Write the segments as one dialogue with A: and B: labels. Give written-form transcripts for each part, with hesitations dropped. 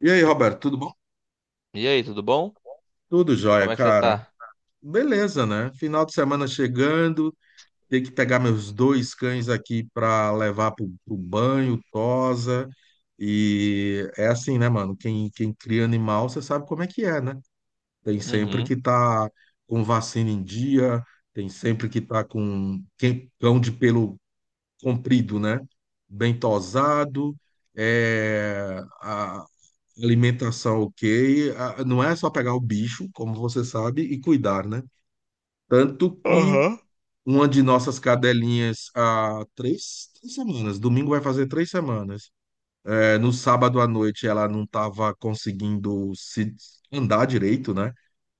A: E aí, Roberto, tudo bom?
B: E aí, tudo bom?
A: Tudo jóia,
B: Como é que você
A: cara.
B: tá?
A: Beleza, né? Final de semana chegando, tenho que pegar meus dois cães aqui pra levar pro banho, tosa. E é assim, né, mano? Quem cria animal, você sabe como é que é, né? Tem sempre
B: Uhum.
A: que tá com vacina em dia, tem sempre que tá com cão de pelo comprido, né? Bem tosado. É, alimentação ok. Ah, não é só pegar o bicho, como você sabe, e cuidar, né? Tanto que
B: Aham.
A: uma de nossas cadelinhas há três semanas, domingo vai fazer 3 semanas. É, no sábado à noite ela não estava conseguindo se andar direito, né?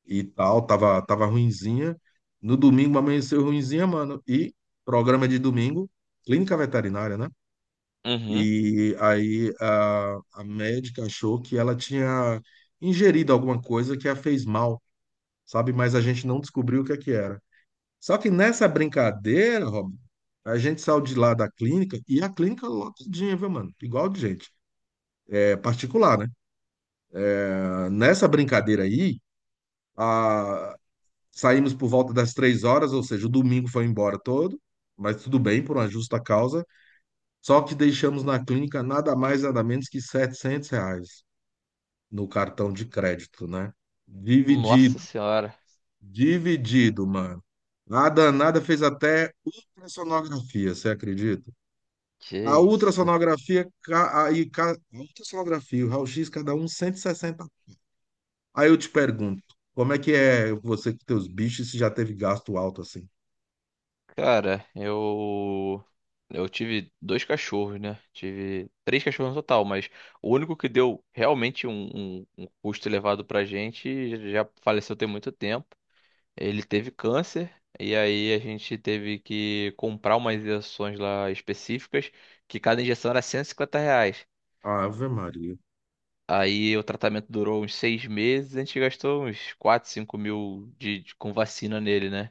A: E tal, tava ruinzinha. No domingo amanheceu ruinzinha, mano. E programa de domingo, clínica veterinária, né?
B: Uhum.
A: E aí a médica achou que ela tinha ingerido alguma coisa que a fez mal, sabe? Mas a gente não descobriu o que é que era. Só que nessa brincadeira, Rob, a gente saiu de lá da clínica e a clínica lotadinha, viu, mano? Igual de gente. É particular, né? Ah, nessa brincadeira aí, a... saímos por volta das 3 horas, ou seja, o domingo foi embora todo, mas tudo bem, por uma justa causa. Só que deixamos na clínica nada mais, nada menos que 700 reais, no cartão de crédito, né?
B: Nossa
A: Dividido,
B: senhora,
A: dividido, mano. A danada fez até ultrassonografia, você acredita?
B: que
A: A
B: isso?
A: ultrassonografia, ca- aí, ca- a ultrassonografia, o raio-x, cada um 160. Aí eu te pergunto, como é que é você com teus bichos se já teve gasto alto assim?
B: Cara, eu tive dois cachorros, né? Tive três cachorros no total, mas o único que deu realmente um custo elevado pra gente já faleceu tem muito tempo. Ele teve câncer, e aí a gente teve que comprar umas injeções lá específicas, que cada injeção era R$ 150.
A: Ave Maria.
B: Aí o tratamento durou uns 6 meses, a gente gastou uns 4, 5 mil com vacina nele, né?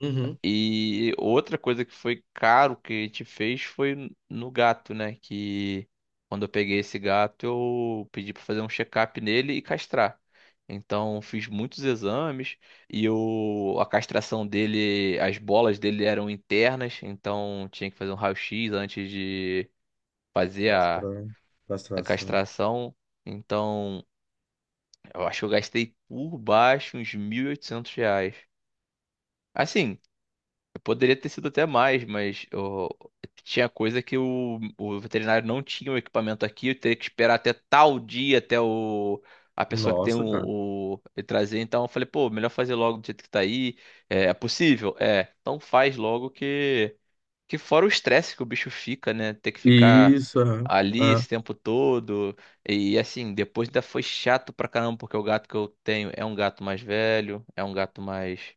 A: Uhum.
B: E outra coisa que foi caro que a gente fez foi no gato, né? Que quando eu peguei esse gato, eu pedi pra fazer um check-up nele e castrar. Então fiz muitos exames e a castração dele, as bolas dele eram internas, então tinha que fazer um raio-x antes de fazer a
A: Castração.
B: a
A: Castração.
B: castração. Então, eu acho que eu gastei por baixo uns R$ 1.800. Assim, eu poderia ter sido até mais, mas tinha coisa que o veterinário não tinha o equipamento aqui. Eu teria que esperar até tal dia, até a pessoa que tem
A: Nossa, cara.
B: o ele trazer. Então eu falei, pô, melhor fazer logo do jeito que tá aí. É possível? É, então faz logo, que fora o estresse que o bicho fica, né? Ter que ficar
A: Isso, é.
B: ali esse
A: É.
B: tempo todo. E assim, depois ainda foi chato pra caramba, porque o gato que eu tenho é um gato mais velho, é um gato mais,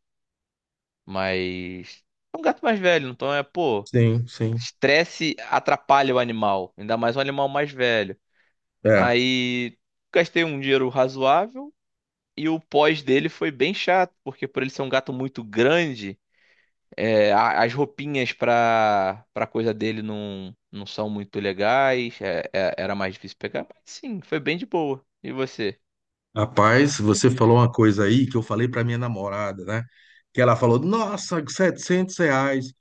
B: mais... É um gato mais velho, então é, pô,
A: Sim, sim.
B: estresse atrapalha o animal, ainda mais um animal mais velho.
A: É.
B: Aí gastei um dinheiro razoável e o pós dele foi bem chato, porque por ele ser um gato muito grande. É, as roupinhas pra coisa dele não são muito legais. Era mais difícil pegar, mas sim, foi bem de boa. E você?
A: Rapaz, você falou uma coisa aí que eu falei para minha namorada, né? Que ela falou, nossa, 700 reais.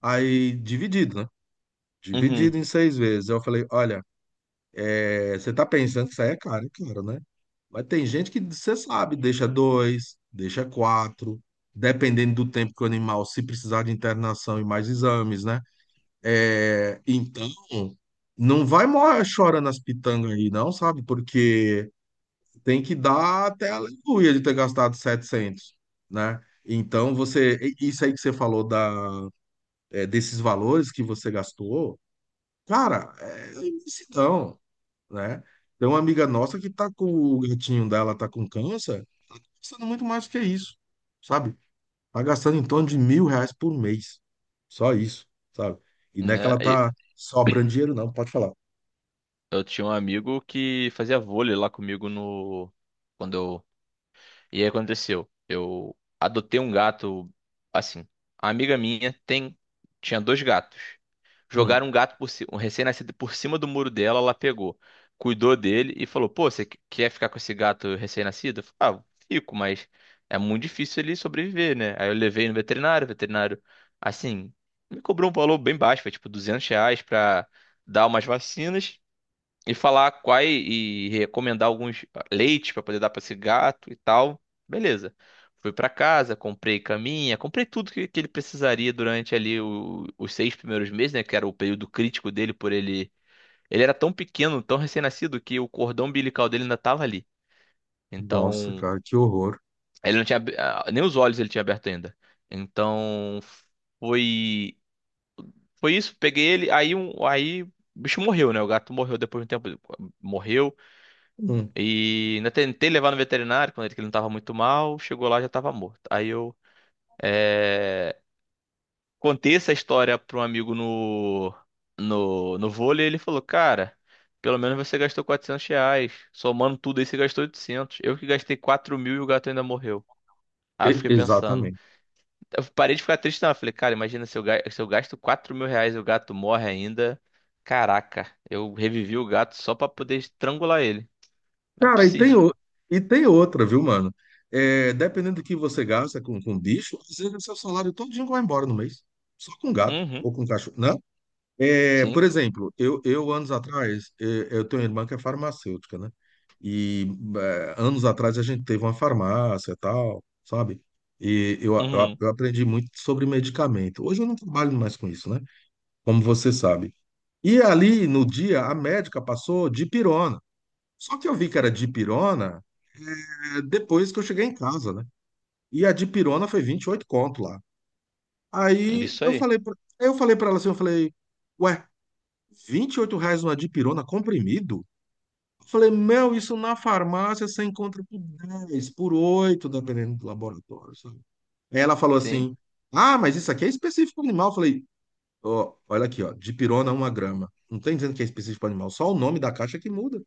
A: Aí, dividido, né?
B: Uhum.
A: Dividido em 6 vezes. Eu falei, olha, é, você tá pensando que isso aí é caro, né? Mas tem gente que, você sabe, deixa dois, deixa quatro, dependendo do tempo que o animal, se precisar de internação e mais exames, né? É, então, não vai chorando as pitangas aí, não, sabe? Porque tem que dar até aleluia de ter gastado 700, né? Então, isso aí que você falou desses valores que você gastou, cara, é imensidão, né? Tem uma amiga nossa que tá com o gatinho dela, tá com câncer, gastando muito mais que isso, sabe? Tá gastando em torno de 1.000 reais por mês, só isso, sabe? E não é que
B: Né?
A: ela
B: E
A: tá sobrando dinheiro, não, pode falar.
B: eu tinha um amigo que fazia vôlei lá comigo no... Quando eu. E aí aconteceu. Eu adotei um gato. Assim, a amiga minha tem. Tinha dois gatos.
A: Hum,
B: Jogaram um gato um recém-nascido por cima do muro dela, ela pegou, cuidou dele e falou: "Pô, você quer ficar com esse gato recém-nascido?" Eu falei: "Ah, fico, mas é muito difícil ele sobreviver, né?" Aí eu levei no veterinário. O veterinário, assim, me cobrou um valor bem baixo, foi tipo R$ 200, pra dar umas vacinas e falar quais, e recomendar alguns leites para poder dar para esse gato e tal. Beleza. Fui para casa, comprei caminha, comprei tudo que ele precisaria durante ali os 6 primeiros meses, né? Que era o período crítico dele. Por ele, ele era tão pequeno, tão recém-nascido, que o cordão umbilical dele ainda tava ali.
A: nossa,
B: Então,
A: cara, que horror.
B: ele não tinha... nem os olhos ele tinha aberto ainda. Então, foi. foi isso, peguei ele. Aí, aí o bicho morreu, né? O gato morreu depois de um tempo. Morreu
A: Hum,
B: E ainda tentei levar no veterinário quando ele, que ele não estava muito mal, chegou lá já estava morto. Aí eu, é, contei essa história para um amigo no, no vôlei, e ele falou: "Cara, pelo menos você gastou R$ 400, somando tudo aí você gastou 800. Eu que gastei 4 mil e o gato ainda morreu." Aí eu fiquei pensando,
A: exatamente.
B: eu parei de ficar triste. Não, eu falei: "Cara, imagina se eu, se eu gasto 4 mil reais e o gato morre ainda. Caraca, eu revivi o gato só para poder estrangular ele. Não é
A: Cara, e tem,
B: possível."
A: o- e tem outra, viu, mano? É, dependendo do que você gasta com bicho, às vezes o seu salário todinho vai embora no mês. Só com gato
B: Uhum.
A: ou com cachorro, né? É,
B: Sim.
A: por exemplo, eu anos atrás, eu tenho uma irmã que é farmacêutica, né? E anos atrás a gente teve uma farmácia e tal, sabe? E eu, eu,
B: Uhum.
A: eu aprendi muito sobre medicamento. Hoje eu não trabalho mais com isso, né? Como você sabe. E ali no dia, a médica passou dipirona. Só que eu vi que era dipirona, depois que eu cheguei em casa, né? E a de pirona foi 28 conto lá. Aí
B: Isso
A: eu
B: aí.
A: falei, eu falei para ela assim, eu falei, ué, 28 reais uma de pirona comprimido? Eu falei, meu, isso na farmácia você encontra por 10, por 8, dependendo do laboratório, sabe? Aí ela falou
B: Sim,
A: assim, ah, mas isso aqui é específico para animal. Eu falei, ó, olha aqui, ó, de pirona 1 grama. Não tem dizendo que é específico para animal, só o nome da caixa que muda,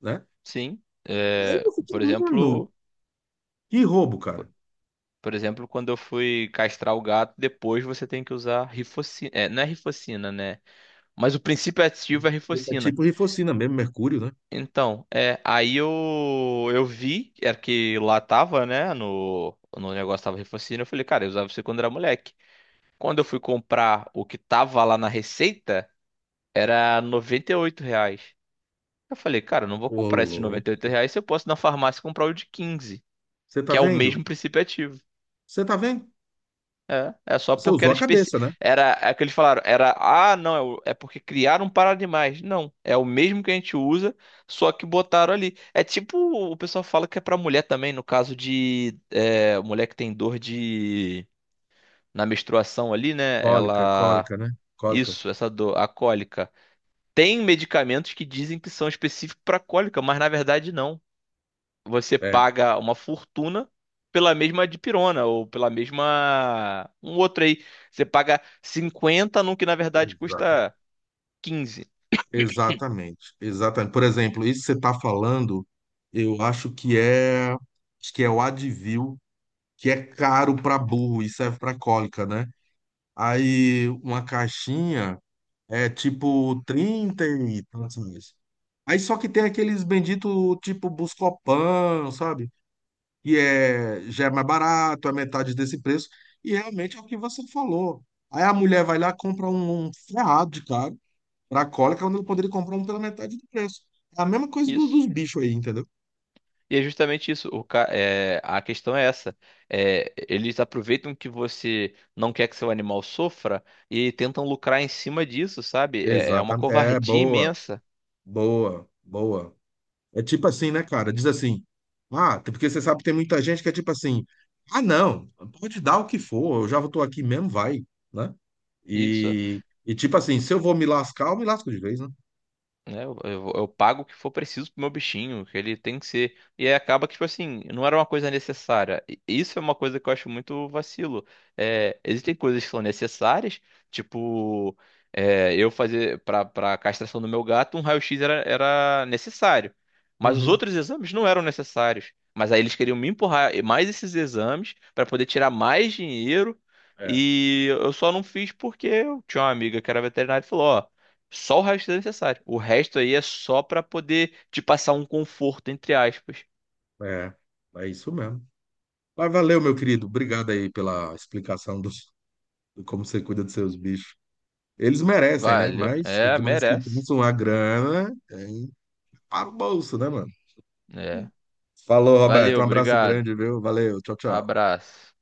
A: né?
B: sim.
A: Aí
B: É,
A: eu fiquei, mano, que roubo, cara.
B: por exemplo, quando eu fui castrar o gato, depois você tem que usar rifocina. É, não é rifocina, né? Mas o princípio ativo é
A: É
B: rifocina.
A: tipo rifocina mesmo, mercúrio, né?
B: Então, aí eu vi, era que lá tava, né? No negócio tava rifocina. Eu falei: "Cara, eu usava isso quando era moleque." Quando eu fui comprar o que tava lá na receita, era R$ 98. Eu falei: "Cara, eu não vou
A: Ô,
B: comprar esse de
A: louco.
B: R$ 98 se eu posso ir na farmácia comprar o de 15,
A: Você tá
B: que é o
A: vendo?
B: mesmo princípio ativo."
A: Você tá vendo?
B: É só
A: Você
B: porque
A: usou
B: era
A: a
B: especi...
A: cabeça, né?
B: Era, é que eles falaram, era não, é porque criaram para animais. Não, é o mesmo que a gente usa, só que botaram ali. É tipo, o pessoal fala que é para mulher também, no caso de mulher que tem dor de na menstruação ali, né?
A: Cólica,
B: Ela,
A: cólica, né? Cólica.
B: isso, essa dor, a cólica. Tem medicamentos que dizem que são específicos para cólica, mas na verdade não. Você
A: É,
B: paga uma fortuna pela mesma dipirona ou pela mesma, um outro aí. Você paga 50 num que na verdade
A: exata.
B: custa 15.
A: Exatamente, exatamente. Por exemplo, isso que você tá falando, eu acho que é o Advil, que é caro para burro e serve para cólica, né? Aí uma caixinha é tipo 30 e tantos reais. Aí só que tem aqueles bendito tipo Buscopan, sabe? E já é mais barato, é metade desse preço, e realmente é o que você falou. Aí a mulher vai lá, compra um ferrado de caro para cólica, quando eu poderia comprar um pela metade do preço. É a mesma coisa
B: Isso.
A: dos bichos aí, entendeu?
B: E é justamente isso. A questão é essa. É, eles aproveitam que você não quer que seu animal sofra e tentam lucrar em cima disso, sabe? É uma
A: Exatamente. É,
B: covardia
A: boa,
B: imensa.
A: boa, boa. É tipo assim, né, cara? Diz assim, ah, porque você sabe que tem muita gente que é tipo assim, ah, não, pode dar o que for, eu já tô aqui mesmo, vai, né?
B: Isso.
A: E tipo assim, se eu vou me lascar, eu me lasco de vez, né?
B: Né? Eu pago o que for preciso pro meu bichinho, que ele tem que ser. E aí acaba que, tipo assim, não era uma coisa necessária. E isso é uma coisa que eu acho muito vacilo. É, existem coisas que são necessárias, tipo, eu fazer pra castração do meu gato. Um raio-x era necessário, mas os
A: Uhum.
B: outros exames não eram necessários. Mas aí eles queriam me empurrar mais esses exames para poder tirar mais dinheiro.
A: É.
B: E eu só não fiz porque eu tinha uma amiga que era veterinária e falou: "Ó, só o resto é necessário. O resto aí é só pra poder te passar um conforto, entre aspas."
A: É, é isso mesmo. Mas valeu, meu querido. Obrigado aí pela explicação de como você cuida dos seus bichos. Eles merecem, né?
B: Valeu.
A: Mas,
B: É,
A: mas que
B: merece.
A: isso, uma grana, é, para o bolso, né, mano?
B: É.
A: Falou, Roberto.
B: Valeu,
A: Um abraço
B: obrigado.
A: grande, viu? Valeu. Tchau, tchau.
B: Abraço.